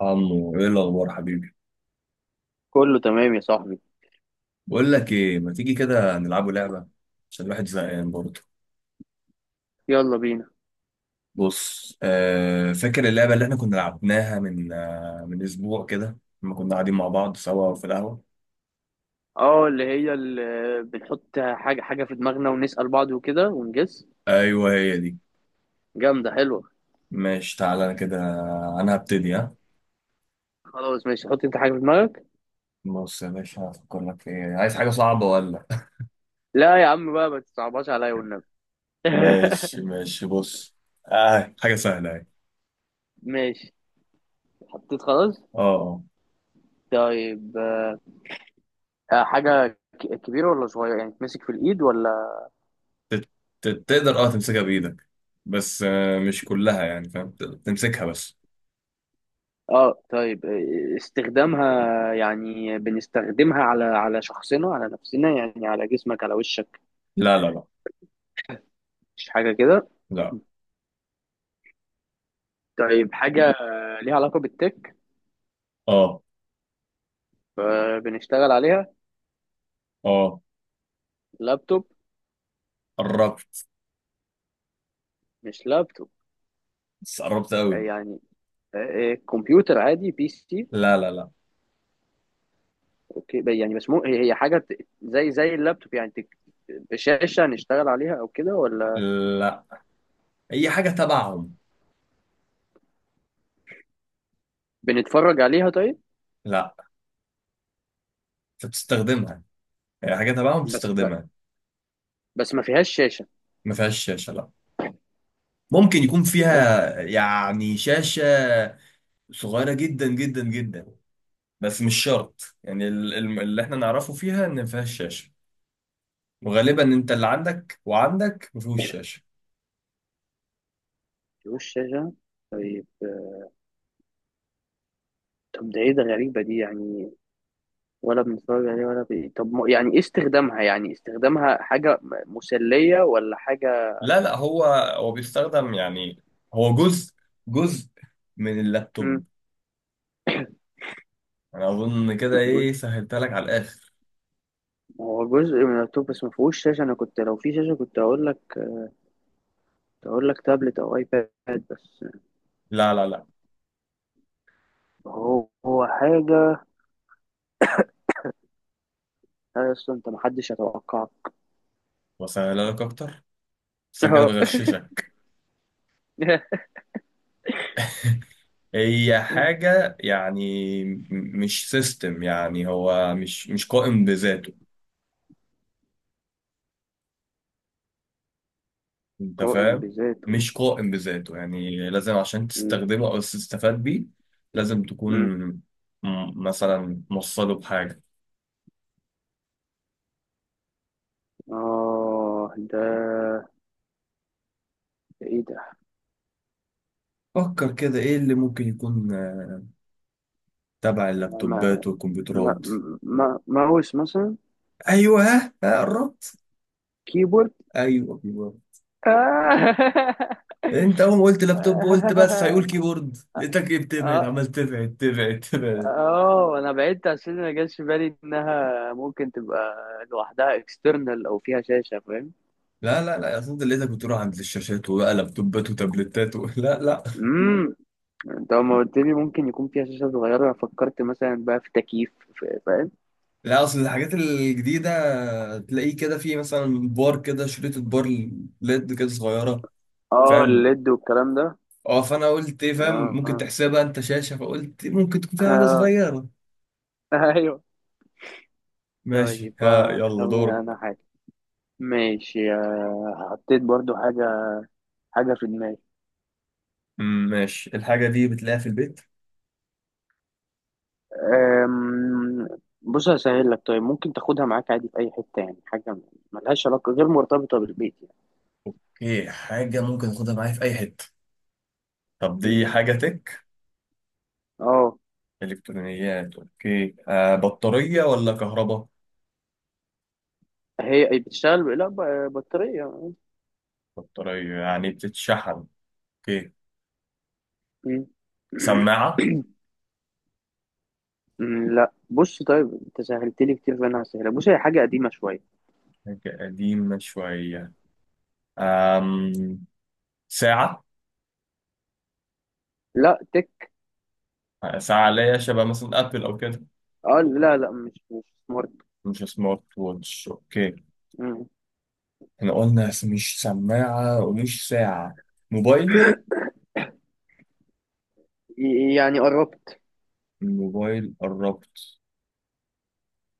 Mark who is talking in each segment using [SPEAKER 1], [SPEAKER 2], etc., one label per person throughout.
[SPEAKER 1] عمو، ايه الاخبار حبيبي؟
[SPEAKER 2] كله تمام يا صاحبي.
[SPEAKER 1] بقول لك ايه، ما تيجي كده نلعبوا لعبه؟ عشان الواحد زهقان برضه.
[SPEAKER 2] يلا بينا.
[SPEAKER 1] بص، فاكر اللعبه اللي احنا كنا لعبناها من اسبوع كده، لما كنا قاعدين مع بعض سوا في القهوه؟
[SPEAKER 2] اه، اللي هي اللي بنحط حاجة في دماغنا ونسأل بعض وكده ونجس.
[SPEAKER 1] ايوه، هي دي.
[SPEAKER 2] جامدة حلوة.
[SPEAKER 1] ماشي تعالى، انا كده انا هبتدي، ها.
[SPEAKER 2] خلاص ماشي، حط انت حاجة في دماغك.
[SPEAKER 1] بص يا باشا، هفكر لك في ايه، عايز حاجه صعبه ولا؟
[SPEAKER 2] لا يا عم بقى، ما تصعبهاش عليا والنبي.
[SPEAKER 1] ماشي ماشي، بص. حاجه سهله اهي.
[SPEAKER 2] ماشي، حطيت خلاص.
[SPEAKER 1] اه، اه.
[SPEAKER 2] طيب حاجة كبيرة ولا صغيرة، يعني تمسك في الإيد ولا؟
[SPEAKER 1] تت- تقدر تمسكها بايدك، بس مش كلها، يعني فاهم، تمسكها بس.
[SPEAKER 2] اه طيب، استخدامها يعني بنستخدمها على شخصنا، على نفسنا يعني، على جسمك، على وشك؟
[SPEAKER 1] لا لا لا.
[SPEAKER 2] مش حاجة كده.
[SPEAKER 1] لا.
[SPEAKER 2] طيب حاجة ليها علاقة بالتك،
[SPEAKER 1] اه،
[SPEAKER 2] فبنشتغل عليها.
[SPEAKER 1] اه.
[SPEAKER 2] لابتوب؟
[SPEAKER 1] قربت.
[SPEAKER 2] مش لابتوب.
[SPEAKER 1] بس قربت قوي.
[SPEAKER 2] يعني كمبيوتر عادي، بي سي؟
[SPEAKER 1] لا لا لا.
[SPEAKER 2] اوكي، يعني بس مو هي حاجه زي اللابتوب يعني شاشه نشتغل عليها او كده ولا؟
[SPEAKER 1] لا، اي حاجه تبعهم.
[SPEAKER 2] بنتفرج عليها طيب؟
[SPEAKER 1] لا، انت بتستخدمها، اي حاجه تبعهم
[SPEAKER 2] بس لا،
[SPEAKER 1] بتستخدمها.
[SPEAKER 2] بس ما فيهاش شاشه.
[SPEAKER 1] ما فيهاش شاشه، لا، ممكن يكون
[SPEAKER 2] ما فيهاش،
[SPEAKER 1] فيها يعني شاشه صغيره جدا جدا جدا، بس مش شرط. يعني اللي احنا نعرفه فيها ان ما فيهاش شاشه. وغالبا انت اللي عندك وعندك ما فيهوش شاشه.
[SPEAKER 2] فيهوش شاشه. طب ده ايه ده، غريبه دي يعني. ولا بنتفرج عليها ولا طب يعني ايه استخدامها، يعني استخدامها حاجه مسليه ولا حاجه؟
[SPEAKER 1] لا لا، هو بيستخدم يعني، هو جزء، جزء من
[SPEAKER 2] مم.
[SPEAKER 1] اللابتوب. انا اظن كده،
[SPEAKER 2] جزء.
[SPEAKER 1] ايه، سهلتها لك على الاخر.
[SPEAKER 2] هو جزء من اللابتوب بس ما فيهوش شاشه، انا كنت لو في شاشه كنت هقول لك تقول لك تابلت او ايباد بس.
[SPEAKER 1] لا لا لا.
[SPEAKER 2] هو حاجه، لا اصلا انت محدش يتوقعها.
[SPEAKER 1] وسهلها لك اكتر، بس انا كده
[SPEAKER 2] اه
[SPEAKER 1] بغششك. هي حاجه يعني، مش سيستم، يعني هو مش قائم بذاته، انت
[SPEAKER 2] قائم
[SPEAKER 1] فاهم؟
[SPEAKER 2] بذاته.
[SPEAKER 1] مش قائم بذاته، يعني لازم عشان
[SPEAKER 2] مم.
[SPEAKER 1] تستخدمه او تستفاد بيه، لازم تكون
[SPEAKER 2] مم.
[SPEAKER 1] مثلا موصله بحاجه.
[SPEAKER 2] اه ده، ده ايه ده؟
[SPEAKER 1] فكر كده، ايه اللي ممكن يكون، تبع
[SPEAKER 2] ما
[SPEAKER 1] اللابتوبات
[SPEAKER 2] ما
[SPEAKER 1] والكمبيوترات.
[SPEAKER 2] ما ماوس مثلا؟
[SPEAKER 1] ايوه، ها، قربت.
[SPEAKER 2] كيبورد.
[SPEAKER 1] ايوه، أيوه.
[SPEAKER 2] اه
[SPEAKER 1] انت اول ما قلت لابتوب قلت بس هيقول كيبورد، لقيتك ايه، بتبعد، عمال
[SPEAKER 2] اه.
[SPEAKER 1] تبعد تبعد تبعد.
[SPEAKER 2] انا بعدت عشان ما جاش في بالي انها ممكن تبقى لوحدها اكسترنال او فيها شاشه.
[SPEAKER 1] لا لا لا، اصلا انت لقيتك بتروح عند الشاشات وبقى لابتوبات وتابلتات و... لا لا.
[SPEAKER 2] فاهم. انت لما قلت لي ممكن يكون فيها شاشة صغيرة أنا فكرت مثلا بقى في تكييف فاهم.
[SPEAKER 1] لا، اصل الحاجات الجديده تلاقيه كده في مثلا بار، كده شريط بار، ليد كده صغيره.
[SPEAKER 2] اه
[SPEAKER 1] فاهم؟
[SPEAKER 2] الليد والكلام ده.
[SPEAKER 1] اه، فانا قلت ايه، فاهم، ممكن
[SPEAKER 2] اه،
[SPEAKER 1] تحسبها انت شاشه، فقلت ممكن تكون فيها حاجه
[SPEAKER 2] آه.
[SPEAKER 1] صغيره.
[SPEAKER 2] آه. ايوه.
[SPEAKER 1] ماشي
[SPEAKER 2] طيب
[SPEAKER 1] ها، يلا
[SPEAKER 2] خمن
[SPEAKER 1] دورك.
[SPEAKER 2] انا حاجة. ماشي، حطيت برضو حاجة، حاجة في دماغي.
[SPEAKER 1] مم، ماشي. الحاجه دي بتلاقيها في البيت؟
[SPEAKER 2] أم، بص هسهل لك، طيب ممكن تاخدها معاك عادي في أي حتة، يعني حاجة ملهاش علاقة، غير مرتبطة بالبيت يعني.
[SPEAKER 1] ايه، حاجه ممكن اخدها معايا في اي حته؟ طب
[SPEAKER 2] مم.
[SPEAKER 1] دي حاجه تك،
[SPEAKER 2] اه.
[SPEAKER 1] إلكترونيات. أوكي، بطارية ولا كهرباء؟
[SPEAKER 2] هي بتشتغل، لا بطارية.
[SPEAKER 1] بطارية يعني بتتشحن. أوكي.
[SPEAKER 2] مم.
[SPEAKER 1] سماعة؟
[SPEAKER 2] لا بص، طيب انت سهلت لي كتير فانا هسهلها. بص هي حاجه قديمه شويه.
[SPEAKER 1] حاجة قديمة شوية. آم، ساعة؟
[SPEAKER 2] لا تك.
[SPEAKER 1] ساعة ليا شبه مثلا أبل أو كده؟
[SPEAKER 2] اه لا لا، مش سمارت.
[SPEAKER 1] مش سمارت ووتش. أوكي.
[SPEAKER 2] مم.
[SPEAKER 1] إحنا قلنا مش سماعة ومش ساعة. موبايل؟
[SPEAKER 2] يعني قربت.
[SPEAKER 1] الموبايل قربت.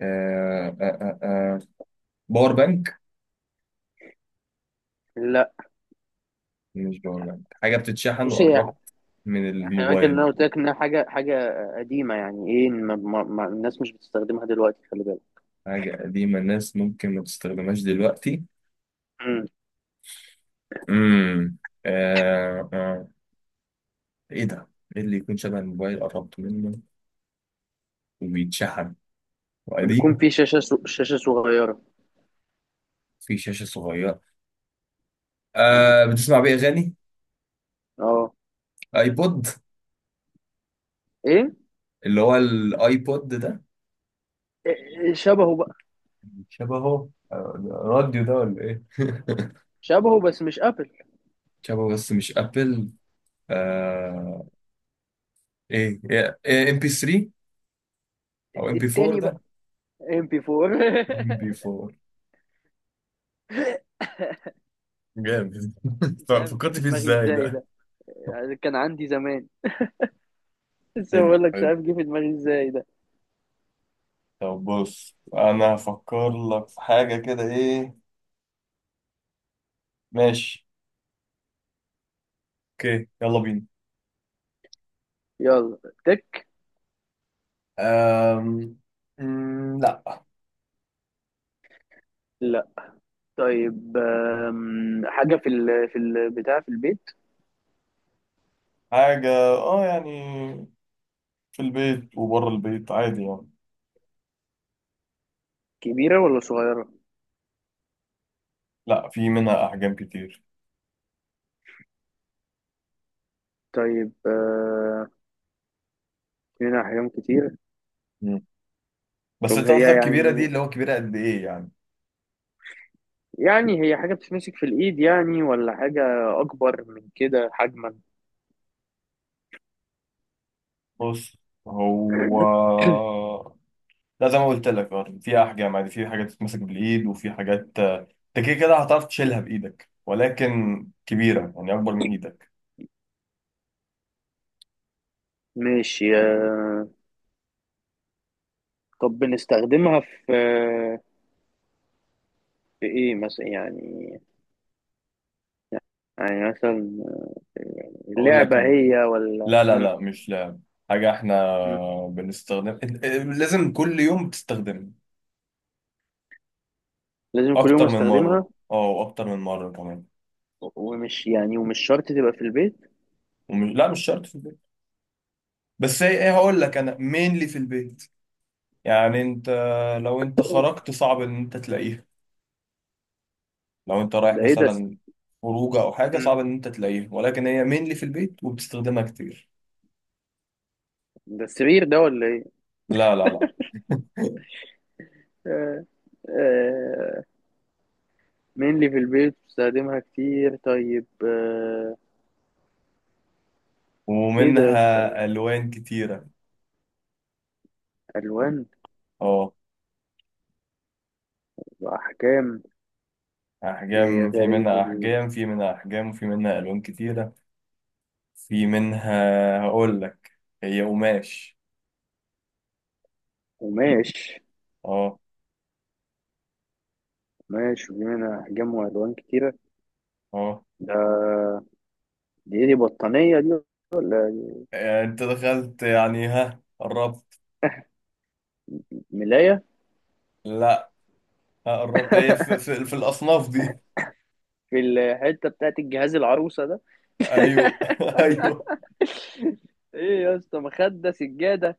[SPEAKER 1] آه آه آه آه. باور بانك؟
[SPEAKER 2] لا
[SPEAKER 1] مش باور بانك، حاجة بتتشحن
[SPEAKER 2] بص، هي
[SPEAKER 1] وقربت من
[SPEAKER 2] خلي بالك ان
[SPEAKER 1] الموبايل.
[SPEAKER 2] انا قلت لك انها حاجه قديمه، يعني ايه، ما الناس مش بتستخدمها دلوقتي، خلي بالك.
[SPEAKER 1] حاجة قديمة الناس ممكن ما تستخدمهاش دلوقتي.
[SPEAKER 2] مم.
[SPEAKER 1] امم آه آه ايه ده؟ ايه اللي يكون شبه الموبايل قربت منه وبيتشحن
[SPEAKER 2] بيكون
[SPEAKER 1] وقديم؟
[SPEAKER 2] في شاشه شاشه صغيره.
[SPEAKER 1] في شاشة صغيرة.
[SPEAKER 2] مم.
[SPEAKER 1] بتسمع بيه أغاني؟
[SPEAKER 2] اه.
[SPEAKER 1] ايبود؟
[SPEAKER 2] ايه
[SPEAKER 1] اللي هو الايبود ده؟
[SPEAKER 2] شبهه بقى.
[SPEAKER 1] شبهه. راديو ده ولا ايه؟
[SPEAKER 2] شبهه بس مش ابل.
[SPEAKER 1] شبهه بس مش ابل. آه، ايه ايه، ام بي 3 او ام بي 4
[SPEAKER 2] التاني
[SPEAKER 1] ده؟
[SPEAKER 2] بقى، ام بي 4.
[SPEAKER 1] ام بي 4. جامد.
[SPEAKER 2] مش عارف جه
[SPEAKER 1] فكرت
[SPEAKER 2] في
[SPEAKER 1] فيه
[SPEAKER 2] دماغي
[SPEAKER 1] ازاي
[SPEAKER 2] ازاي
[SPEAKER 1] ده؟
[SPEAKER 2] ده. يعني كان عندي زمان، لسه بقول لك مش
[SPEAKER 1] حلو.
[SPEAKER 2] عارف جه في دماغي ازاي ده.
[SPEAKER 1] طب بص، انا هفكر لك في حاجة كده، ايه، ماشي؟ اوكي، يلا بينا.
[SPEAKER 2] يلا. تك.
[SPEAKER 1] أم... مم، لا.
[SPEAKER 2] لا. طيب حاجة في ال في البتاع في البيت.
[SPEAKER 1] حاجة، اه يعني في البيت وبره البيت عادي يعني.
[SPEAKER 2] كبيرة ولا صغيرة؟
[SPEAKER 1] لا، في منها احجام كتير.
[SPEAKER 2] طيب هنا أحجام كتير.
[SPEAKER 1] مم. بس
[SPEAKER 2] طب
[SPEAKER 1] انت
[SPEAKER 2] هي
[SPEAKER 1] قصدك كبيرة، دي
[SPEAKER 2] يعني،
[SPEAKER 1] اللي هو كبيرة قد ايه يعني؟
[SPEAKER 2] يعني هي حاجة بتتمسك في الإيد يعني ولا حاجة أكبر من كده حجما؟
[SPEAKER 1] بص، هو، لا زي ما قلت لك، في احجام عادي، في حاجات تتمسك بالايد وفي حاجات، انت كده كده هتعرف تشيلها بايدك، ولكن كبيرة يعني اكبر من ايدك.
[SPEAKER 2] ماشي، طب بنستخدمها في في إيه مثلا، يعني يعني مثلا يعني،
[SPEAKER 1] اقول لك
[SPEAKER 2] لعبة
[SPEAKER 1] انا.
[SPEAKER 2] هي ولا
[SPEAKER 1] لا لا لا، مش لعب. حاجة احنا
[SPEAKER 2] مم.
[SPEAKER 1] بنستخدم، لازم كل يوم تستخدمها
[SPEAKER 2] لازم كل يوم
[SPEAKER 1] أكتر من مرة.
[SPEAKER 2] استخدمها.
[SPEAKER 1] اه، وأكتر من مرة كمان.
[SPEAKER 2] ومش يعني، ومش شرط تبقى في البيت.
[SPEAKER 1] ومش... لا، مش شرط في البيت. بس هي ايه، هقول لك أنا، مينلي في البيت. يعني أنت لو أنت خرجت صعب إن أنت تلاقيها، لو أنت رايح
[SPEAKER 2] ده ايه ده؟
[SPEAKER 1] مثلا خروجة أو حاجة
[SPEAKER 2] مم.
[SPEAKER 1] صعب إن أنت تلاقيها، ولكن هي مينلي في البيت وبتستخدمها كتير.
[SPEAKER 2] ده السرير ده ولا ايه؟
[SPEAKER 1] لا لا لا.
[SPEAKER 2] آه، آه، mainly في البيت بستخدمها كتير. طيب آه، ايه ده يا أستاذ؟
[SPEAKER 1] ومنها ألوان كتيرة.
[SPEAKER 2] الوان
[SPEAKER 1] اه.
[SPEAKER 2] واحكام. دي
[SPEAKER 1] أحجام، في
[SPEAKER 2] غريبة
[SPEAKER 1] منها
[SPEAKER 2] دي.
[SPEAKER 1] أحجام، وفي منها ألوان كتيرة. في منها، هقول لك، هي قماش.
[SPEAKER 2] قماش؟
[SPEAKER 1] اه،
[SPEAKER 2] قماش، ودي منها احجام والوان كتيرة.
[SPEAKER 1] اه.
[SPEAKER 2] ده، دي ايه دي، بطانية دي ولا دي
[SPEAKER 1] انت دخلت، يعني ها، قربت.
[SPEAKER 2] ملاية؟
[SPEAKER 1] لا، ها، قربت، هي في الاصناف دي.
[SPEAKER 2] في الحتة بتاعت الجهاز، العروسة ده.
[SPEAKER 1] ايوه ايوه.
[SPEAKER 2] ايه يا اسطى، مخدة؟ سجادة؟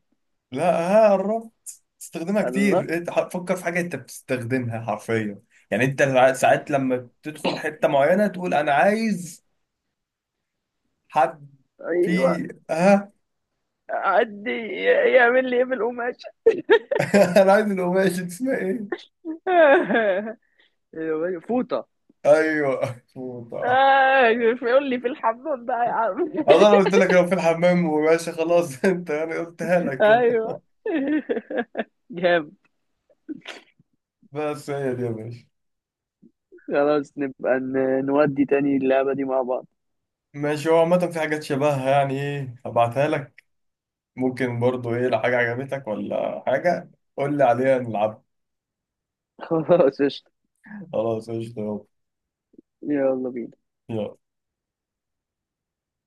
[SPEAKER 1] لا، ها قربت، استخدمها
[SPEAKER 2] الله.
[SPEAKER 1] كتير. انت فكر في حاجه انت بتستخدمها حرفيا، يعني انت ساعات لما تدخل حته معينه تقول انا عايز حد
[SPEAKER 2] ايوه
[SPEAKER 1] في، ها.
[SPEAKER 2] عدي، يعمل لي ايه بالقماش.
[SPEAKER 1] انا عايز القماش دي اسمها ايه؟
[SPEAKER 2] أيوة، فوطه.
[SPEAKER 1] ايوه فوطه.
[SPEAKER 2] ايوه يقول لي في الحمام بقى يا عم.
[SPEAKER 1] أصل أنا قلت لك لو في الحمام وماشي خلاص، أنت يعني قلتها لك كده.
[SPEAKER 2] ايوه. جامد.
[SPEAKER 1] بس هي دي يا باشا.
[SPEAKER 2] خلاص نبقى نودي تاني اللعبة دي مع بعض.
[SPEAKER 1] ماشي، هو عامة في حاجات شبهها، يعني إيه، هبعتها لك. ممكن برضو إيه، لو حاجة عجبتك ولا حاجة، قول لي عليها نلعب.
[SPEAKER 2] خلاص قشطة.
[SPEAKER 1] خلاص قشطة.
[SPEAKER 2] يلا بينا.
[SPEAKER 1] يلا.